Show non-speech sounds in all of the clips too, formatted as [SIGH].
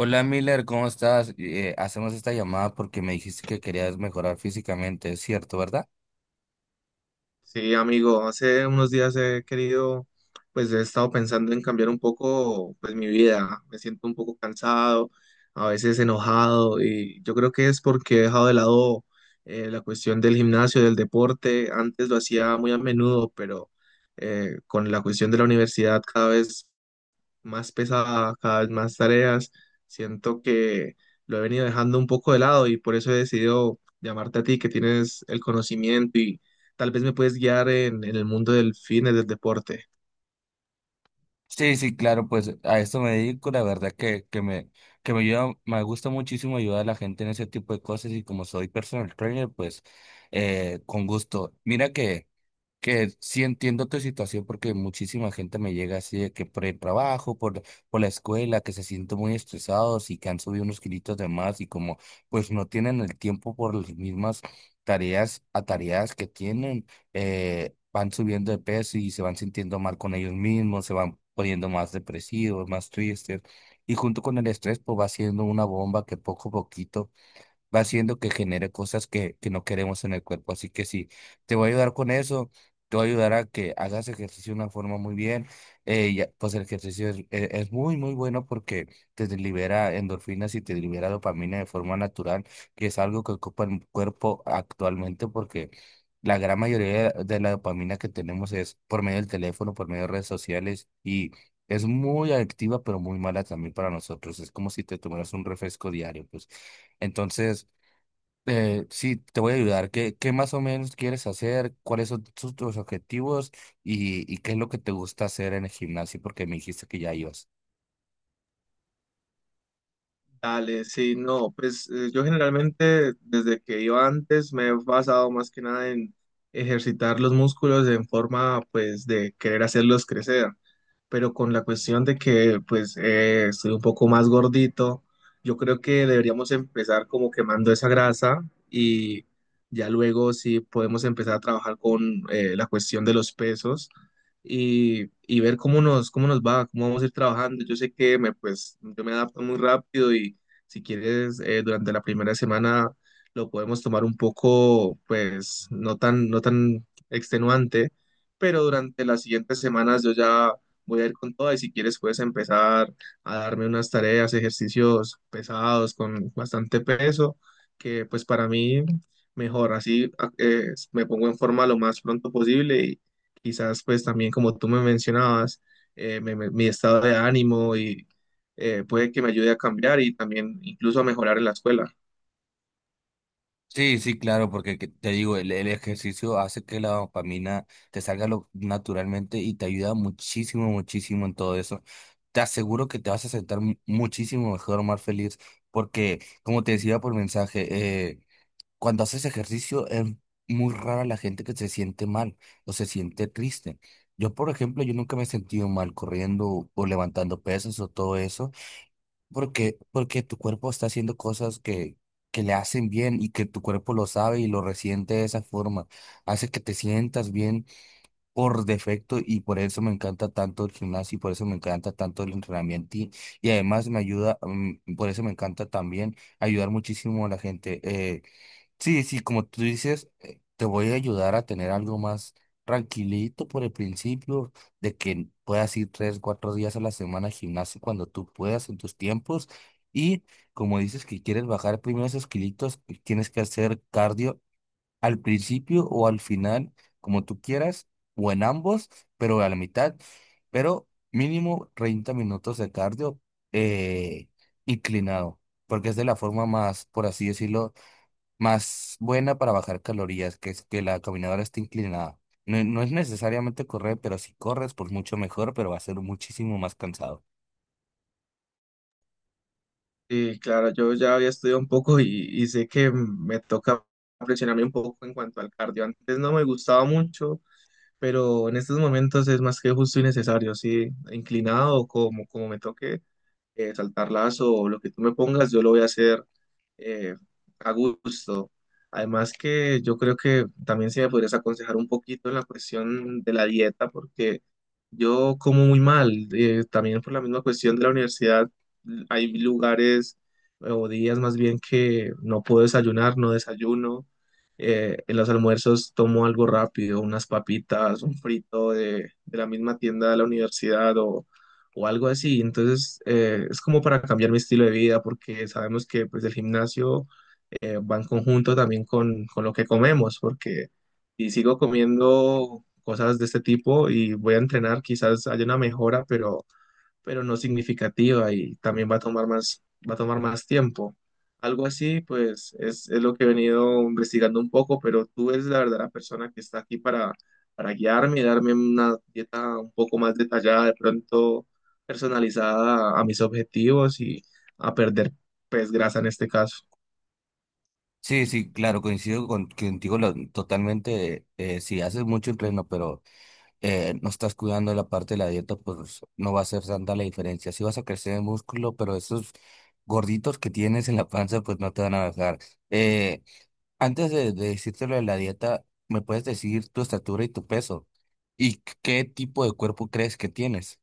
Hola Miller, ¿cómo estás? Hacemos esta llamada porque me dijiste que querías mejorar físicamente, ¿es cierto, verdad? Sí, amigo, hace unos días he querido, pues he estado pensando en cambiar un poco, pues mi vida. Me siento un poco cansado, a veces enojado y yo creo que es porque he dejado de lado la cuestión del gimnasio, del deporte. Antes lo hacía muy a menudo, pero con la cuestión de la universidad cada vez más pesada, cada vez más tareas. Siento que lo he venido dejando un poco de lado y por eso he decidido llamarte a ti, que tienes el conocimiento y tal vez me puedes guiar en el mundo del fitness, del deporte. Sí, sí, claro, pues a esto me dedico, la verdad que me ayuda, me gusta muchísimo ayudar a la gente en ese tipo de cosas y como soy personal trainer, pues con gusto. Mira que... Que sí entiendo tu situación porque muchísima gente me llega así de que por el por la escuela, que se sienten muy estresados y que han subido unos kilitos de más y como pues no tienen el tiempo por las mismas tareas que tienen. Van subiendo de peso y se van sintiendo mal con ellos mismos, se van poniendo más depresivos, más tristes, y junto con el estrés pues va siendo una bomba que poco a poquito va haciendo que genere cosas que no queremos en el cuerpo. Así que sí, te voy a ayudar con eso, te voy a ayudar a que hagas ejercicio de una forma muy bien. Ya, pues el ejercicio es muy bueno porque te libera endorfinas y te libera dopamina de forma natural, que es algo que ocupa el cuerpo actualmente porque... La gran mayoría de la dopamina que tenemos es por medio del teléfono, por medio de redes sociales y es muy adictiva, pero muy mala también para nosotros. Es como si te tomaras un refresco diario, pues. Entonces, sí, te voy a ayudar. Qué más o menos quieres hacer? ¿Cuáles son tus objetivos? Y, ¿y qué es lo que te gusta hacer en el gimnasio? Porque me dijiste que ya ibas. Dale, sí, no, pues yo generalmente desde que iba antes me he basado más que nada en ejercitar los músculos en forma pues de querer hacerlos crecer. Pero con la cuestión de que pues estoy un poco más gordito, yo creo que deberíamos empezar como quemando esa grasa y ya luego sí podemos empezar a trabajar con la cuestión de los pesos y ver cómo nos va, cómo vamos a ir trabajando. Yo sé que me, pues, yo me adapto muy rápido y si quieres durante la primera semana lo podemos tomar un poco pues no tan extenuante, pero durante las siguientes semanas yo ya voy a ir con todo y si quieres puedes empezar a darme unas tareas, ejercicios pesados con bastante peso, que pues para mí mejor, me pongo en forma lo más pronto posible y quizás pues también como tú me mencionabas, mi estado de ánimo y puede que me ayude a cambiar y también incluso a mejorar en la escuela. Sí, sí, claro, porque te digo, el ejercicio hace que la dopamina te salga naturalmente y te ayuda muchísimo, muchísimo en todo eso. Te aseguro que te vas a sentar muchísimo mejor, más feliz, porque como te decía por mensaje, cuando haces ejercicio es muy rara la gente que se siente mal o se siente triste. Yo, por ejemplo, yo nunca me he sentido mal corriendo o levantando pesas o todo eso, porque tu cuerpo está haciendo cosas que le hacen bien y que tu cuerpo lo sabe y lo resiente de esa forma. Hace que te sientas bien por defecto y por eso me encanta tanto el gimnasio y por eso me encanta tanto el entrenamiento, y además me ayuda, por eso me encanta también ayudar muchísimo a la gente. Sí, sí, como tú dices, te voy a ayudar a tener algo más tranquilito por el principio, de que puedas ir 3, 4 días a la semana al gimnasio cuando tú puedas en tus tiempos. Y como dices que quieres bajar primero esos kilitos, pues tienes que hacer cardio al principio o al final, como tú quieras, o en ambos, pero a la mitad, pero mínimo 30 minutos de cardio eh, inclinado, porque es de la forma más, por así decirlo, más buena para bajar calorías, que es que la caminadora esté inclinada. No, no es necesariamente correr, pero si corres, pues mucho mejor, pero va a ser muchísimo más cansado. Y claro, yo ya había estudiado un poco y sé que me toca presionarme un poco en cuanto al cardio. Antes no me gustaba mucho, pero en estos momentos es más que justo y necesario, sí, inclinado como me toque saltar lazo o lo que tú me pongas, yo lo voy a hacer eh, a gusto. Además que yo creo que también si me podrías aconsejar un poquito en la cuestión de la dieta, porque yo como muy mal, también por la misma cuestión de la universidad, hay lugares o días más bien que no puedo desayunar, no desayuno. En los almuerzos tomo algo rápido, unas papitas, un frito de la misma tienda de la universidad o algo así. Entonces, es como para cambiar mi estilo de vida, porque sabemos que pues el gimnasio va en conjunto también con lo que comemos, porque si sigo comiendo cosas de este tipo y voy a entrenar, quizás haya una mejora, pero no significativa y también va a tomar más tiempo. Algo así, pues es lo que he venido investigando un poco, pero tú eres la verdadera persona que está aquí para guiarme y darme una dieta un poco más detallada, de pronto personalizada a mis objetivos y a perder, pues, grasa en este caso. Sí, sí, claro, coincido contigo totalmente. Si haces mucho entreno, pero no estás cuidando la parte de la dieta, pues no va a ser tanta la diferencia. Sí vas a crecer en músculo, pero esos gorditos que tienes en la panza, pues no te van a bajar. Eh, Antes de decirte lo de la dieta, ¿me puedes decir tu estatura y tu peso? ¿Y qué tipo de cuerpo crees que tienes?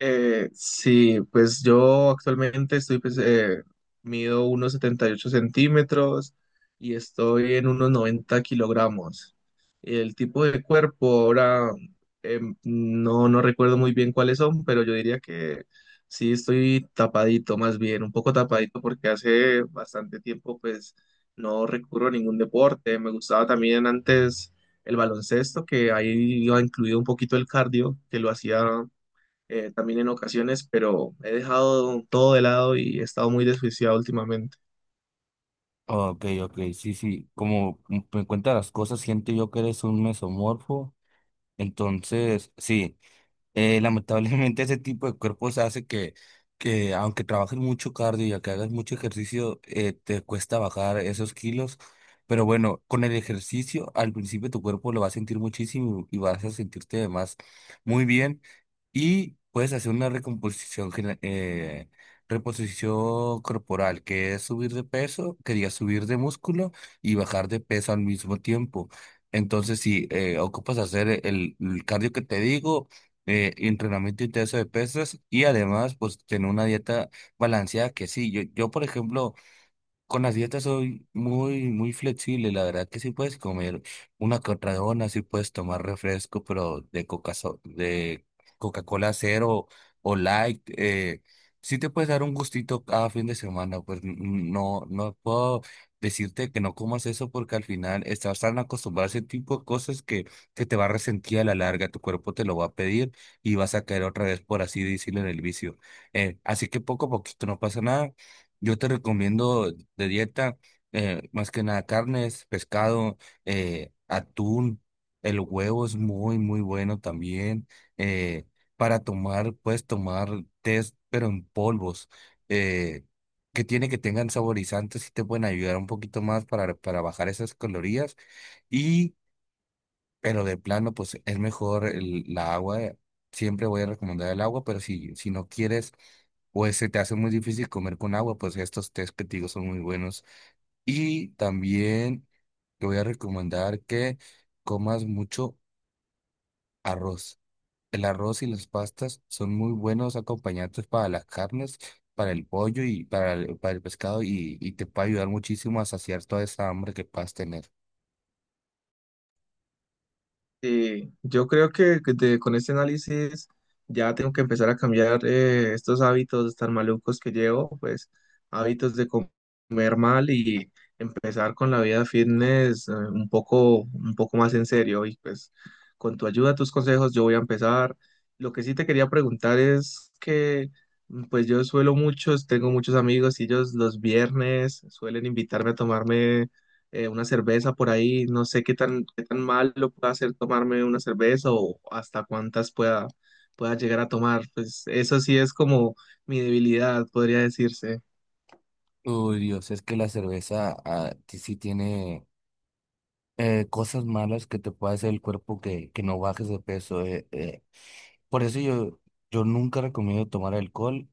Sí, pues yo actualmente estoy, pues, mido unos 78 cm y estoy en unos 90 kg. El tipo de cuerpo ahora no, no recuerdo muy bien cuáles son, pero yo diría que sí estoy tapadito, más bien, un poco tapadito porque hace bastante tiempo pues no recurro a ningún deporte. Me gustaba también antes el baloncesto, que ahí iba incluido un poquito el cardio, que lo hacía también en ocasiones, pero he dejado todo de lado y he estado muy desjuiciado últimamente. Ok, ok, sí, sí. Como me cuentas las cosas, siento yo que eres un mesomorfo. Entonces, sí. Lamentablemente [LAUGHS] ese tipo de cuerpos hace que aunque trabajes mucho cardio y aunque hagas mucho ejercicio, te cuesta bajar esos kilos. Pero bueno, con el ejercicio al principio tu cuerpo lo va a sentir muchísimo y vas a sentirte además muy bien. Y puedes hacer una reposición corporal, que es subir de peso, quería subir de músculo y bajar de peso al mismo tiempo. Entonces, si ocupas hacer el cardio que te digo, entrenamiento intenso de pesas y además pues tener una dieta balanceada que sí, yo por ejemplo, con las dietas soy muy, muy flexible, la verdad que sí puedes comer una que otra dona, sí puedes tomar refresco, pero de coca, so- de Coca-Cola cero o light, sí te puedes dar un gustito cada fin de semana, pues no, no puedo decirte que no comas eso porque al final estás tan acostumbrado a ese tipo de cosas que te va a resentir a la larga, tu cuerpo te lo va a pedir y vas a caer otra vez, por así decirlo, en el vicio. Así que poco a poquito no pasa nada. Yo te recomiendo de dieta más que nada carnes, pescado, atún. El huevo es muy, muy bueno también. eh, para tomar, puedes tomar test, pero en polvos, eh, que tiene que tengan saborizantes y te pueden ayudar un poquito más para bajar esas calorías. Y pero de plano, pues es mejor la agua. Siempre voy a recomendar el agua, pero si no quieres o se te hace muy difícil comer con agua, pues estos tés que te digo son muy buenos. Y también te voy a recomendar que comas mucho arroz. El arroz y las pastas son muy buenos acompañantes para las carnes, para el pollo y para para el pescado, y te puede ayudar muchísimo a saciar toda esa hambre que puedas tener. Sí, yo creo que con este análisis ya tengo que empezar a cambiar estos hábitos tan malucos que llevo, pues hábitos de com- comer mal y empezar con la vida fitness un poco más en serio. Y pues con tu ayuda, tus consejos, yo voy a empezar. Lo que sí te quería preguntar es que pues tengo muchos amigos y ellos los viernes suelen invitarme a tomarme una cerveza por ahí, no sé qué tan mal lo pueda hacer tomarme una cerveza o hasta pueda llegar a tomar. Pues eso sí es como mi debilidad, podría decirse. Uy, Dios, es que la cerveza sí tiene cosas malas que te puede hacer el cuerpo que no bajes de peso. Por eso yo nunca recomiendo tomar alcohol,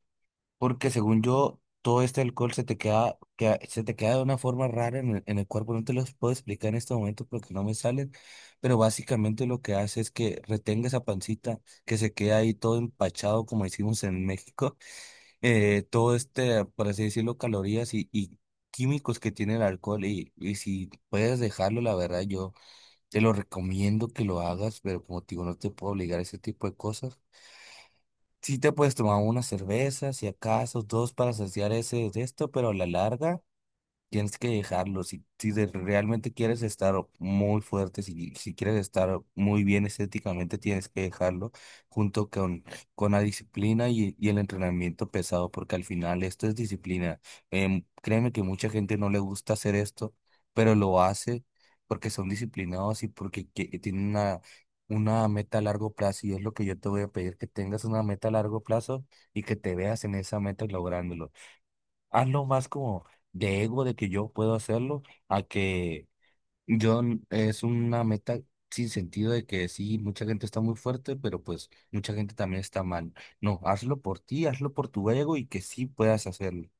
porque según yo, todo este alcohol se te queda, se te queda de una forma rara en en el cuerpo. No te los puedo explicar en este momento porque no me salen, pero básicamente lo que hace es que retenga esa pancita que se queda ahí todo empachado, como decimos en México, [LAUGHS] todo este, por así decirlo, calorías y químicos que tiene el alcohol y si puedes dejarlo, la verdad, yo... Te lo recomiendo que lo hagas, pero como te digo, no te puedo obligar a ese tipo de cosas. Sí te puedes tomar una cerveza, si acaso, dos para saciar ese de esto, pero a la larga. Tienes que dejarlo. Si, si de- realmente quieres estar muy fuerte, si quieres estar muy bien estéticamente, tienes que dejarlo junto con la disciplina y el entrenamiento pesado, porque al final esto es disciplina. Créeme que mucha gente no le gusta hacer esto, pero lo hace porque son disciplinados y porque tienen una meta a largo plazo. Y es lo que yo te voy a pedir, que tengas una meta a largo plazo y que te veas en esa meta lográndolo, hazlo más como de ego, de que yo puedo hacerlo, a que es una meta sin sentido de que sí, mucha gente está muy fuerte, pero pues mucha gente también está mal. No, hazlo por ti, hazlo por tu ego y que sí puedas hacerlo.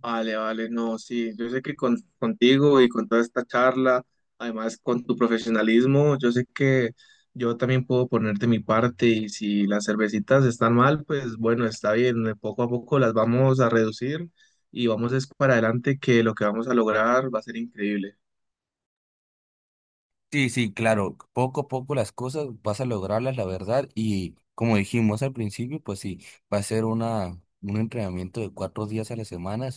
Vale, vale, no, sí, yo sé que contigo y con toda esta charla, además con tu profesionalismo, yo sé que yo también puedo ponerte mi parte y si las cervecitas están mal, pues bueno, está bien, poco a poco las vamos a reducir y vamos es para adelante que lo que vamos a lograr va a ser increíble. Sí, sí, claro, poco a poco las cosas vas a lograrlas, la verdad, y como dijimos al principio, pues sí, va a ser un entrenamiento de cuatro días a la semana.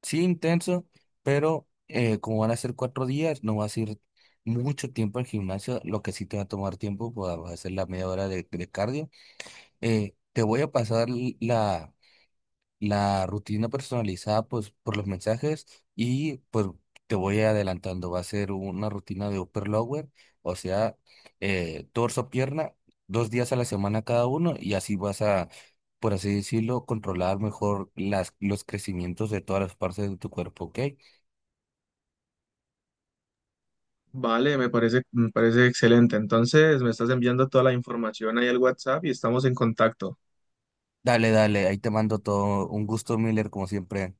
Sí, intenso, pero como van a ser 4 días, no vas a ir mucho tiempo al gimnasio. Lo que sí te va a tomar tiempo, pues vas a hacer la media hora de cardio. Te voy a pasar la rutina personalizada pues, por los mensajes, y pues te voy adelantando. Va a ser una rutina de upper lower, o sea, torso, pierna, 2 días a la semana cada uno y así vas a, por así decirlo, controlar mejor los crecimientos de todas las partes de tu cuerpo, ¿ok? Me parece excelente. Entonces, me estás enviando toda la información ahí al WhatsApp y estamos en contacto. Dale, dale, ahí te mando todo. Un gusto, Miller, como siempre.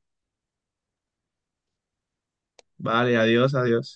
Vale, adiós, adiós.